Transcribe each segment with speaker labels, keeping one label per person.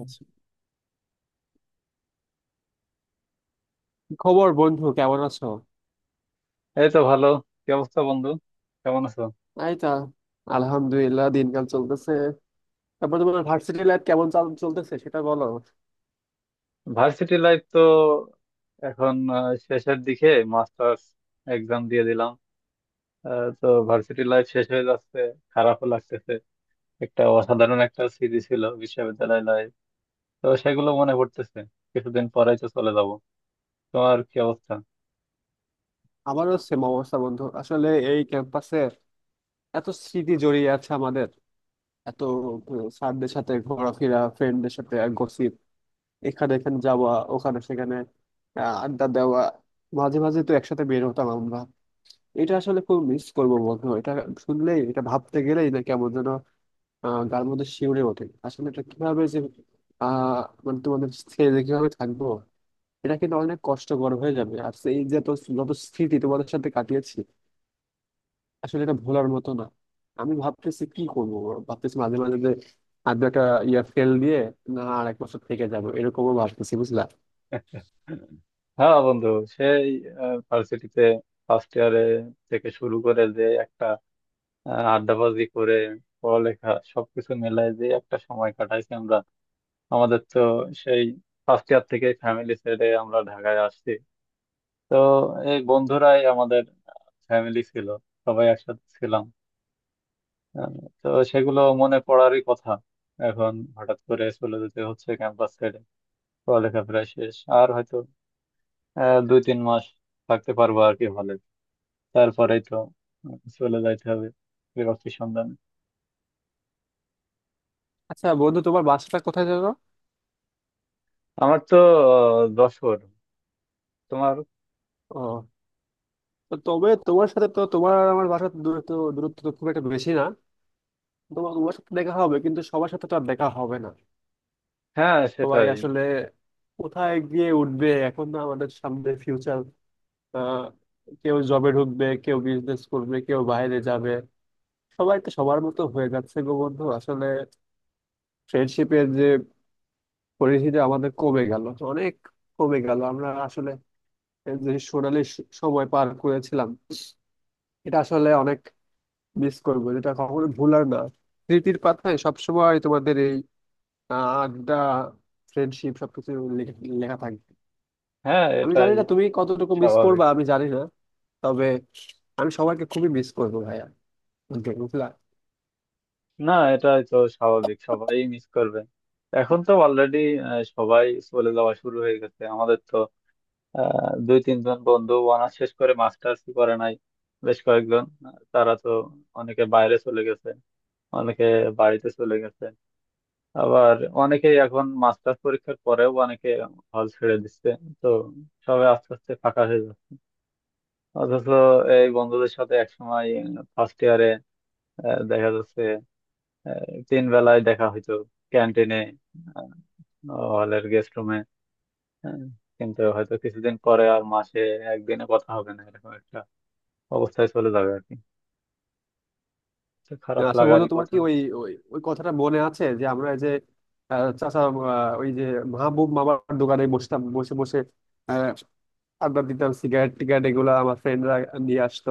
Speaker 1: আচ্ছা। কি খবর বন্ধু, কেমন আছো?
Speaker 2: এই তো ভালো। কি অবস্থা বন্ধু? কেমন আছো?
Speaker 1: এই তা আলহামদুলিল্লাহ, দিনকাল চলতেছে। তারপর তোমার ভার্সিটি লাইফ কেমন চলতেছে সেটা বলো।
Speaker 2: ভার্সিটি লাইফ তো এখন শেষের দিকে। মাস্টার্স এক্সাম দিয়ে দিলাম। তো ভার্সিটি লাইফ শেষ হয়ে যাচ্ছে। খারাপও লাগতেছে। একটা অসাধারণ একটা স্মৃতি ছিল বিশ্ববিদ্যালয় লাইফ, তো সেগুলো মনে পড়তেছে। কিছুদিন পরেই তো চলে যাব। তোমার কি অবস্থা?
Speaker 1: আমারও সেম অবস্থা বন্ধু, আসলে এই ক্যাম্পাসে এত স্মৃতি জড়িয়ে আছে আমাদের, এত স্যারদের সাথে ঘোরাফেরা, ফ্রেন্ডদের সাথে গসিপ, এখানে এখানে যাওয়া ওখানে সেখানে, আড্ডা দেওয়া। মাঝে মাঝে তো একসাথে বের হতাম আমরা। এটা আসলে খুব মিস করবো বন্ধু, এটা শুনলেই, এটা ভাবতে গেলেই না কেমন যেন গার মধ্যে শিউরে ওঠে। আসলে এটা কিভাবে যে আহ মানে তোমাদের ছেড়ে যে কিভাবে থাকবো, এটা কিন্তু অনেক কষ্টকর হয়ে যাবে। আর সেই যে তো যত স্মৃতি তোমাদের সাথে কাটিয়েছি আসলে এটা ভোলার মতো না। আমি ভাবতেছি কি করবো। ভাবতেছি মাঝে মাঝে যে আর দু একটা ইয়া ফেল দিয়ে না আর এক বছর থেকে যাবো, এরকমও ভাবতেছি বুঝলা।
Speaker 2: হ্যাঁ বন্ধু, সেই ভার্সিটিতে ফার্স্ট ইয়ারে থেকে শুরু করে যে একটা আড্ডাবাজি করে পড়ালেখা সবকিছু মিলাই যে একটা সময় কাটাইছি আমরা। আমাদের তো সেই ফার্স্ট ইয়ার থেকে ফ্যামিলি ছেড়ে আমরা ঢাকায় আসছি, তো এই বন্ধুরাই আমাদের ফ্যামিলি ছিল, সবাই একসাথে ছিলাম। আহ, তো সেগুলো মনে পড়ারই কথা। এখন হঠাৎ করে চলে যেতে হচ্ছে ক্যাম্পাস ছেড়ে, পড়ালেখা প্রায় শেষ আর হয়তো 2-3 মাস থাকতে পারবো আর কি হলে, তারপরেই তো চলে যাইতে হবে চাকরির সন্ধানে।
Speaker 1: আচ্ছা বন্ধু, তোমার বাসাটা কোথায় যাবো?
Speaker 2: আমার তো যশোর। তোমার?
Speaker 1: ও, তো তবে তোমার সাথে তো, তোমার আর আমার বাসার দূরত্ব, দূরত্ব তো খুব একটা বেশি না। তোমার তোমার সাথে দেখা হবে, কিন্তু সবার সাথে তো আর দেখা হবে না।
Speaker 2: হ্যাঁ
Speaker 1: সবাই
Speaker 2: সেটাই।
Speaker 1: আসলে কোথায় গিয়ে উঠবে এখন, না আমাদের সামনে ফিউচার। কেউ জবে ঢুকবে, কেউ বিজনেস করবে, কেউ বাইরে যাবে। সবাই তো সবার মতো হয়ে যাচ্ছে গো বন্ধু। আসলে ফ্রেন্ডশিপের যে পরিধিটা আমাদের কমে গেল, অনেক কমে গেল। আমরা আসলে এই যে সোনালি সময় পার করেছিলাম, এটা আসলে অনেক মিস করবো। এটা কখনো ভুলার না। স্মৃতির পাতায় সবসময় তোমাদের এই আড্ডা, ফ্রেন্ডশিপ, সবকিছু লেখা লেখা থাকবে।
Speaker 2: হ্যাঁ
Speaker 1: আমি জানি
Speaker 2: এটাই
Speaker 1: না তুমি কতটুকু মিস করবা,
Speaker 2: স্বাভাবিক।
Speaker 1: আমি জানি না। তবে আমি সবাইকে খুবই মিস করবো ভাইয়া, বুঝলা।
Speaker 2: না এটাই তো স্বাভাবিক, সবাই মিস করবে। এখন তো অলরেডি সবাই চলে যাওয়া শুরু হয়ে গেছে আমাদের তো। 2-3 জন বন্ধু অনার্স শেষ করে মাস্টার্স করে নাই, বেশ কয়েকজন তারা তো অনেকে বাইরে চলে গেছে, অনেকে বাড়িতে চলে গেছে। আবার অনেকেই এখন মাস্টার্স পরীক্ষার পরেও অনেকে হল ছেড়ে দিচ্ছে, তো সবাই আস্তে আস্তে ফাঁকা হয়ে যাচ্ছে। অথচ এই বন্ধুদের সাথে একসময় ফার্স্ট ইয়ারে দেখা যাচ্ছে তিন বেলায় দেখা হইতো, ক্যান্টিনে, হলের গেস্ট রুমে। কিন্তু হয়তো কিছুদিন পরে আর মাসে একদিনে কথা হবে না, এরকম একটা অবস্থায় চলে যাবে আর কি, তো খারাপ
Speaker 1: আচ্ছা বন্ধু,
Speaker 2: লাগারই
Speaker 1: তোমার
Speaker 2: কথা।
Speaker 1: কি ওই ওই ওই কথাটা মনে আছে যে আমরা এই যে চাচা ওই যে মাহবুব মামার দোকানে বসতাম, বসে বসে আহ, আড্ডা দিতাম, সিগারেট টিগারেট এগুলা আমার ফ্রেন্ডরা নিয়ে আসতো,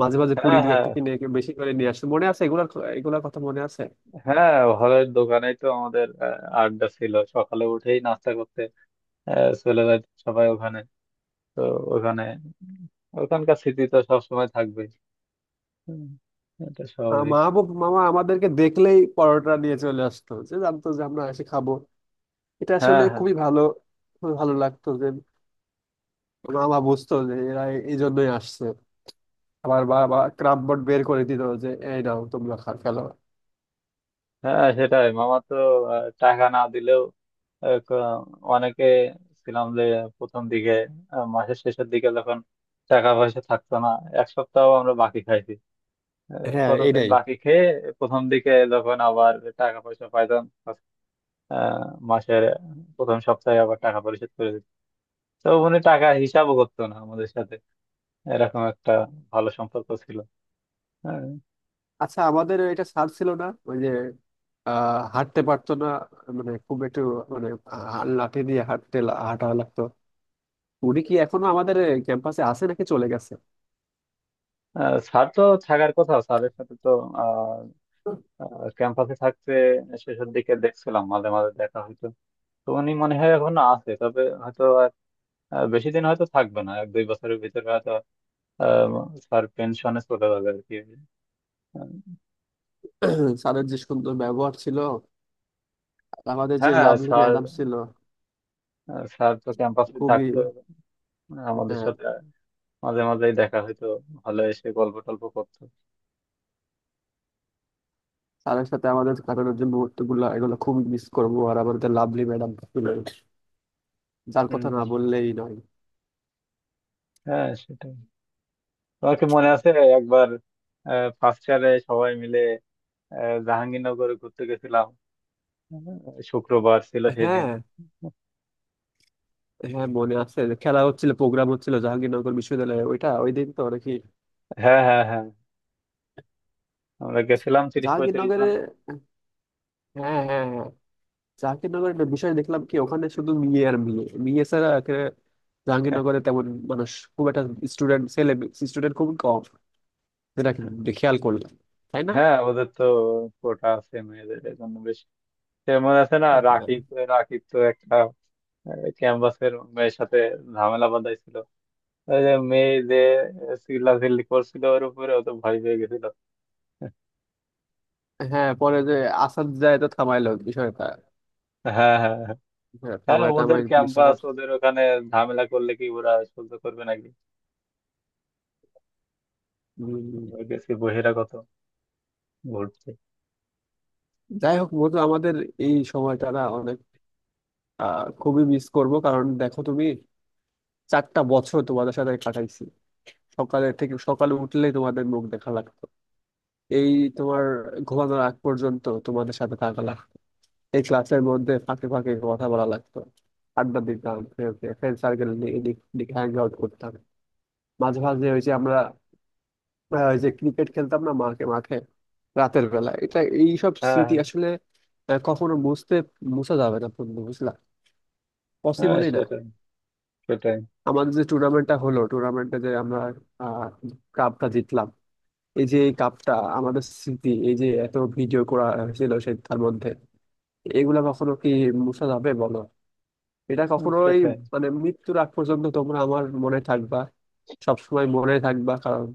Speaker 1: মাঝে মাঝে পুরি
Speaker 2: হ্যাঁ,
Speaker 1: দু
Speaker 2: হ্যাঁ,
Speaker 1: একটা কিনে বেশি করে নিয়ে আসতো, মনে আছে এগুলার এগুলার কথা মনে আছে?
Speaker 2: হ্যাঁ হলের দোকানেই তো আমাদের আড্ডা ছিল, সকালে উঠেই নাস্তা করতে চলে যায় সবাই ওখানে, তো ওখানে ওখানকার স্মৃতি তো সবসময় থাকবেই। হুম, এটা স্বাভাবিক।
Speaker 1: মাহবুব মামা আমাদেরকে দেখলেই পরোটা নিয়ে চলে আসতো, যে জানতো যে আমরা এসে খাবো। এটা
Speaker 2: হ্যাঁ
Speaker 1: আসলে
Speaker 2: হ্যাঁ,
Speaker 1: খুবই ভালো, খুবই ভালো লাগতো যে মামা বুঝতো যে এরা এই জন্যই আসছে। আবার বাবা ক্রাম বোর্ড বের করে দিত যে এই নাও তোমরা খেলো।
Speaker 2: হ্যাঁ, সেটাই। মামা তো টাকা না দিলেও আহ, ক- অনেকে ছিলাম যে, প্রথম দিকে মাসের শেষের দিকে যখন টাকা পয়সা থাকতো না, এক সপ্তাহ আমরা বাকি খাইছি,
Speaker 1: হ্যাঁ,
Speaker 2: কতদিন
Speaker 1: এটাই।
Speaker 2: বাকি খেয়ে প্রথম দিকে যখন আবার টাকা পয়সা পাইতাম, আহ, মাসের প্রথম সপ্তাহে আবার টাকা পরিশোধ করে দিত। তো উনি টাকা হিসাবও করতো না আমাদের সাথে, এরকম একটা ভালো সম্পর্ক ছিল। হ্যাঁ,
Speaker 1: আচ্ছা আমাদের এটা স্যার ছিল না ওই যে হাঁটতে পারতো না, মানে খুব একটু মানে লাঠি দিয়ে হাঁটা লাগতো? উনি কি এখনো আমাদের ক্যাম্পাসে আছে নাকি চলে গেছে?
Speaker 2: স্যার তো থাকার কথা, স্যারের সাথে তো ক্যাম্পাসে থাকতে শেষের দিকে দেখছিলাম, মাঝে মাঝে দেখা হইতো, তো উনি মনে হয় এখনো আছে, তবে হয়তো আর বেশি দিন হয়তো থাকবে না, 1-2 বছরের ভিতরে হয়তো স্যার পেনশনে চলে যাবে আর কি। আহ,
Speaker 1: স্যারের যে সুন্দর ব্যবহার ছিল, আর আমাদের যে
Speaker 2: হ্যাঁ
Speaker 1: লাভলি
Speaker 2: স্যার,
Speaker 1: ম্যাডাম ছিল,
Speaker 2: স্যার তো ক্যাম্পাসে
Speaker 1: খুবই।
Speaker 2: থাকতো আমাদের
Speaker 1: হ্যাঁ।
Speaker 2: সাথে, মাঝে মাঝেই দেখা হইতো, হলে এসে গল্প টল্প করতো।
Speaker 1: স্যারের সাথে আমাদের কাটানোর যে মুহূর্ত গুলো এগুলো খুবই মিস করবো, আর আমাদের লাভলি ম্যাডাম ছিল যার
Speaker 2: হম।
Speaker 1: কথা না বললেই নয়।
Speaker 2: হ্যাঁ সেটাই। তোমার কি মনে আছে একবার ফার্স্ট ইয়ারে সবাই মিলে জাহাঙ্গীরনগরে ঘুরতে গেছিলাম? হ্যাঁ, শুক্রবার ছিল সেদিন।
Speaker 1: হ্যাঁ, হ্যাঁ মনে আছে, যে খেলা হচ্ছিল, প্রোগ্রাম হচ্ছিল জাহাঙ্গীরনগর বিশ্ববিদ্যালয়ে ওইটা, ওই দিন তো নাকি
Speaker 2: হ্যাঁ, হ্যাঁ, হ্যাঁ, আমরা গেছিলাম 30-35 জন।
Speaker 1: জাহাঙ্গীরনগরে। হ্যাঁ হ্যাঁ হ্যাঁ। জাহাঙ্গীরনগরের একটা বিষয় দেখলাম কি, ওখানে শুধু মেয়ে আর মেয়ে, মেয়ে ছাড়া এখানে জাহাঙ্গীরনগরে তেমন মানুষ খুব একটা, স্টুডেন্ট ছেলে স্টুডেন্ট খুব কম, যেটা কি খেয়াল করলাম, তাই না?
Speaker 2: হ্যাঁ ওদের তো কোটা আছে মেয়েদের, এই জন্য বেশ। সে মনে আছে না
Speaker 1: হ্যাঁ।
Speaker 2: রাকিব? রাকিব তো একটা ক্যাম্পাসের মেয়ের সাথে ঝামেলা বাঁধাইছিল, ওই যে মেয়ে যে চিল্লা চিল্লি করছিল ওর উপরে, ও তো ভয় পেয়ে গেছিল।
Speaker 1: হ্যাঁ, পরে যে আসাদ যায় তো থামাইলো বিষয়টা।
Speaker 2: হ্যাঁ, হ্যাঁ, হ্যাঁ।
Speaker 1: হ্যাঁ,
Speaker 2: হ্যাঁ,
Speaker 1: থামায়
Speaker 2: ওদের
Speaker 1: টামায়
Speaker 2: ক্যাম্পাস,
Speaker 1: বিশ্বকাপ।
Speaker 2: ওদের ওখানে ঝামেলা করলে কি ওরা সহ্য করবে নাকি,
Speaker 1: উম,
Speaker 2: আমরা গেছি বহিরাগত ঘুরতে।
Speaker 1: যাই হোক বন্ধু, আমাদের এই সময়টা না অনেক খুবই মিস করব, কারণ দেখো তুমি চারটা বছর তোমাদের সাথে কাটাইছি। সকালের থেকে, সকালে উঠলেই তোমাদের মুখ দেখা লাগতো, এই তোমার ঘুমানোর আগ পর্যন্ত তোমাদের সাথে থাকা লাগতো, এই ক্লাসের মধ্যে ফাঁকে ফাঁকে কথা বলা লাগতো, আড্ডা দিতাম, ফ্রেন্ড সার্কেল নিয়ে এদিক ওদিক হ্যাং আউট করতাম। মাঝে মাঝে ওই যে আমরা ওই যে ক্রিকেট খেলতাম না মাঠে মাঠে রাতের বেলা, এটা, এইসব
Speaker 2: হ্যাঁ।
Speaker 1: স্মৃতি
Speaker 2: হ্যাঁ,
Speaker 1: আসলে কখনো মুছা যাবে না বন্ধু, বুঝলা,
Speaker 2: হ্যাঁ,
Speaker 1: পসিবলই না।
Speaker 2: সেটাই, সেটাই।
Speaker 1: আমাদের যে টুর্নামেন্টটা হলো, টুর্নামেন্টে যে আমরা আহ কাপটা জিতলাম, এই যে এই কাপটা, আমাদের স্মৃতি, এই যে এত ভিডিও করা হয়েছিল সে তার মধ্যে, এগুলা কখনো কি মুছা যাবে বলো? এটা
Speaker 2: হুম,
Speaker 1: কখনোই।
Speaker 2: সেটাই।
Speaker 1: মানে মৃত্যুর আগ পর্যন্ত তোমরা আমার মনে থাকবা, সবসময় মনে থাকবা, কারণ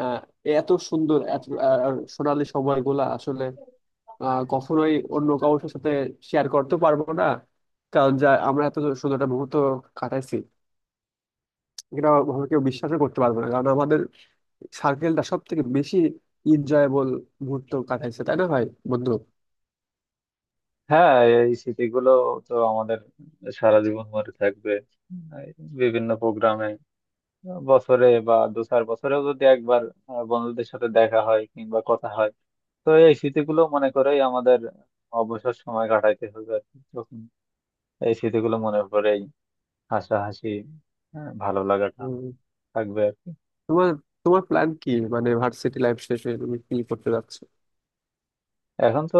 Speaker 1: আহ, এত সুন্দর এত আর সোনালি সময়গুলা আসলে কখনোই অন্য কারোর সাথে শেয়ার করতে পারবো না, কারণ যা আমরা এত সুন্দর একটা মুহূর্ত কাটাইছি এটা কখনো কেউ বিশ্বাসও করতে পারবো না, কারণ আমাদের সার্কেলটা সব থেকে বেশি এনজয়েবল মুহূর্ত কাটাইছে, তাই না ভাই, বন্ধু?
Speaker 2: হ্যাঁ এই স্মৃতিগুলো তো আমাদের সারা জীবন মনে থাকবে। এই বিভিন্ন প্রোগ্রামে বছরে বা দু চার বছরেও যদি একবার বন্ধুদের সাথে দেখা হয় কিংবা কথা হয়, তো এই স্মৃতিগুলো মনে করেই আমাদের অবসর সময় কাটাইতে হবে আর কি, তখন এই স্মৃতিগুলো মনে করেই হাসাহাসি, ভালো লাগাটা
Speaker 1: উম,
Speaker 2: থাকবে আর কি।
Speaker 1: তোমার তোমার প্ল্যান কি, মানে ভার্সিটি লাইফ শেষ হয়ে তুমি কি করতে যাচ্ছ?
Speaker 2: এখন তো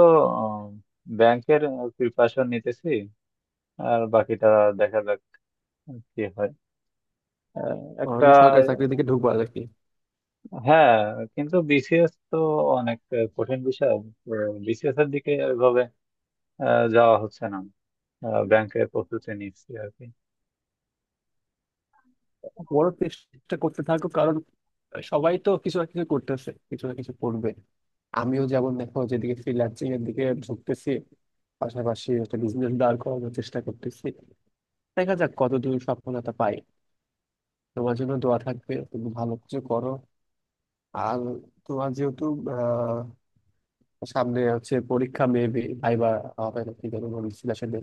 Speaker 2: ব্যাংকের প্রিপারেশন নিতেছি, আর বাকিটা দেখা যাক কি হয়। আহ, একটা
Speaker 1: আমি সরকারি চাকরির দিকে ঢুকবো নাকি?
Speaker 2: হ্যাঁ, কিন্তু বিসিএস তো অনেক কঠিন বিষয়, বিসিএস এর দিকে এভাবে যাওয়া হচ্ছে না, ব্যাংকের প্রস্তুতি নিচ্ছি আর কি।
Speaker 1: বড় চেষ্টা করতে থাকো, কারণ সবাই তো কিছু না কিছু করতেছে, কিছু না কিছু করবে। আমিও যেমন দেখো যেদিকে ফ্রিল্যান্সিং এর দিকে ঢুকতেছি, পাশাপাশি একটা বিজনেস দাঁড় করানোর চেষ্টা করতেছি, দেখা যাক কতদূর সফলতা পাই। তোমার জন্য দোয়া থাকবে, তুমি ভালো কিছু করো। আর তোমার যেহেতু সামনে হচ্ছে পরীক্ষা, মেবি ভাইবা হবে নাকি জানি বলছিল আসলে,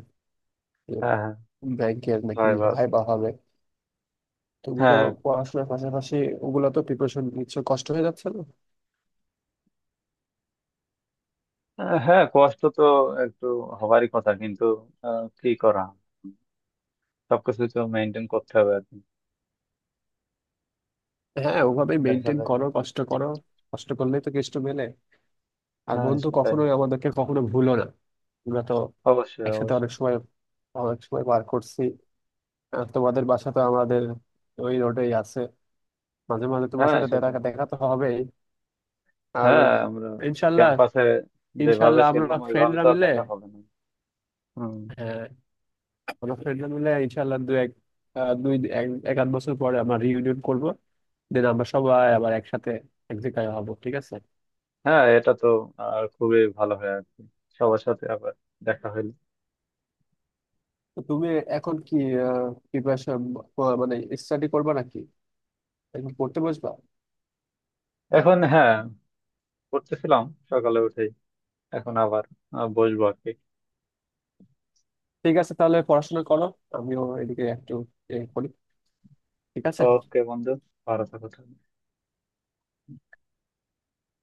Speaker 2: হ্যাঁ, হ্যাঁ।
Speaker 1: ব্যাংকের নাকি
Speaker 2: ভাইবা আছে।
Speaker 1: ভাইবা হবে। তুমি তো
Speaker 2: হ্যাঁ।
Speaker 1: পড়াশোনার পাশাপাশি ওগুলো তো প্রিপারেশন নিচ্ছ, কষ্ট হয়ে যাচ্ছে না?
Speaker 2: হ্যাঁ কষ্ট তো একটু হবারই কথা, কিন্তু কি করা, সবকিছু তো মেনটেন করতে হবে আর কি।
Speaker 1: হ্যাঁ, ওভাবে
Speaker 2: দেখা
Speaker 1: মেনটেন
Speaker 2: যাক।
Speaker 1: করো, কষ্ট করো। কষ্ট করলেই তো কেষ্ট মেলে। আর
Speaker 2: হ্যাঁ
Speaker 1: বন্ধু
Speaker 2: সেটাই।
Speaker 1: কখনোই আমাদেরকে কখনো ভুলো না। আমরা তো
Speaker 2: অবশ্যই,
Speaker 1: একসাথে অনেক
Speaker 2: অবশ্যই।
Speaker 1: সময়, অনেক সময় পার করছি। আর তোমাদের বাসা তো আমাদের ওই রোডেই আছে, মাঝে মাঝে তোমার
Speaker 2: হ্যাঁ
Speaker 1: সাথে
Speaker 2: সেটাই।
Speaker 1: দেখা, দেখা তো হবেই। আর
Speaker 2: হ্যাঁ আমরা
Speaker 1: ইনশাল্লাহ
Speaker 2: ক্যাম্পাসে যেভাবে
Speaker 1: ইনশাল্লাহ আমরা
Speaker 2: ছিলাম ওইভাবে
Speaker 1: ফ্রেন্ডরা
Speaker 2: তো আর
Speaker 1: মিলে,
Speaker 2: দেখা হবে না। হুম।
Speaker 1: হ্যাঁ, আমরা ফ্রেন্ডরা মিলে ইনশাল্লাহ দু এক দুই এক এক আধ বছর পরে আমরা রিউনিয়ন করব, দেন আমরা সবাই আবার একসাথে এক জায়গায় হবো, ঠিক আছে?
Speaker 2: হ্যাঁ এটা তো আর খুবই ভালো হয় আর কি, সবার সাথে আবার দেখা হইলো।
Speaker 1: তো তুমি এখন কি প্রিপারেশন মানে স্টাডি করবা নাকি, এখন পড়তে বসবা?
Speaker 2: এখন হ্যাঁ পড়তেছিলাম, সকালে উঠেই, এখন আবার বসবো আর কি।
Speaker 1: ঠিক আছে তাহলে পড়াশোনা করো, আমিও এদিকে একটু এ করি। ঠিক আছে।
Speaker 2: ওকে বন্ধু, ভালো থাকো তাহলে।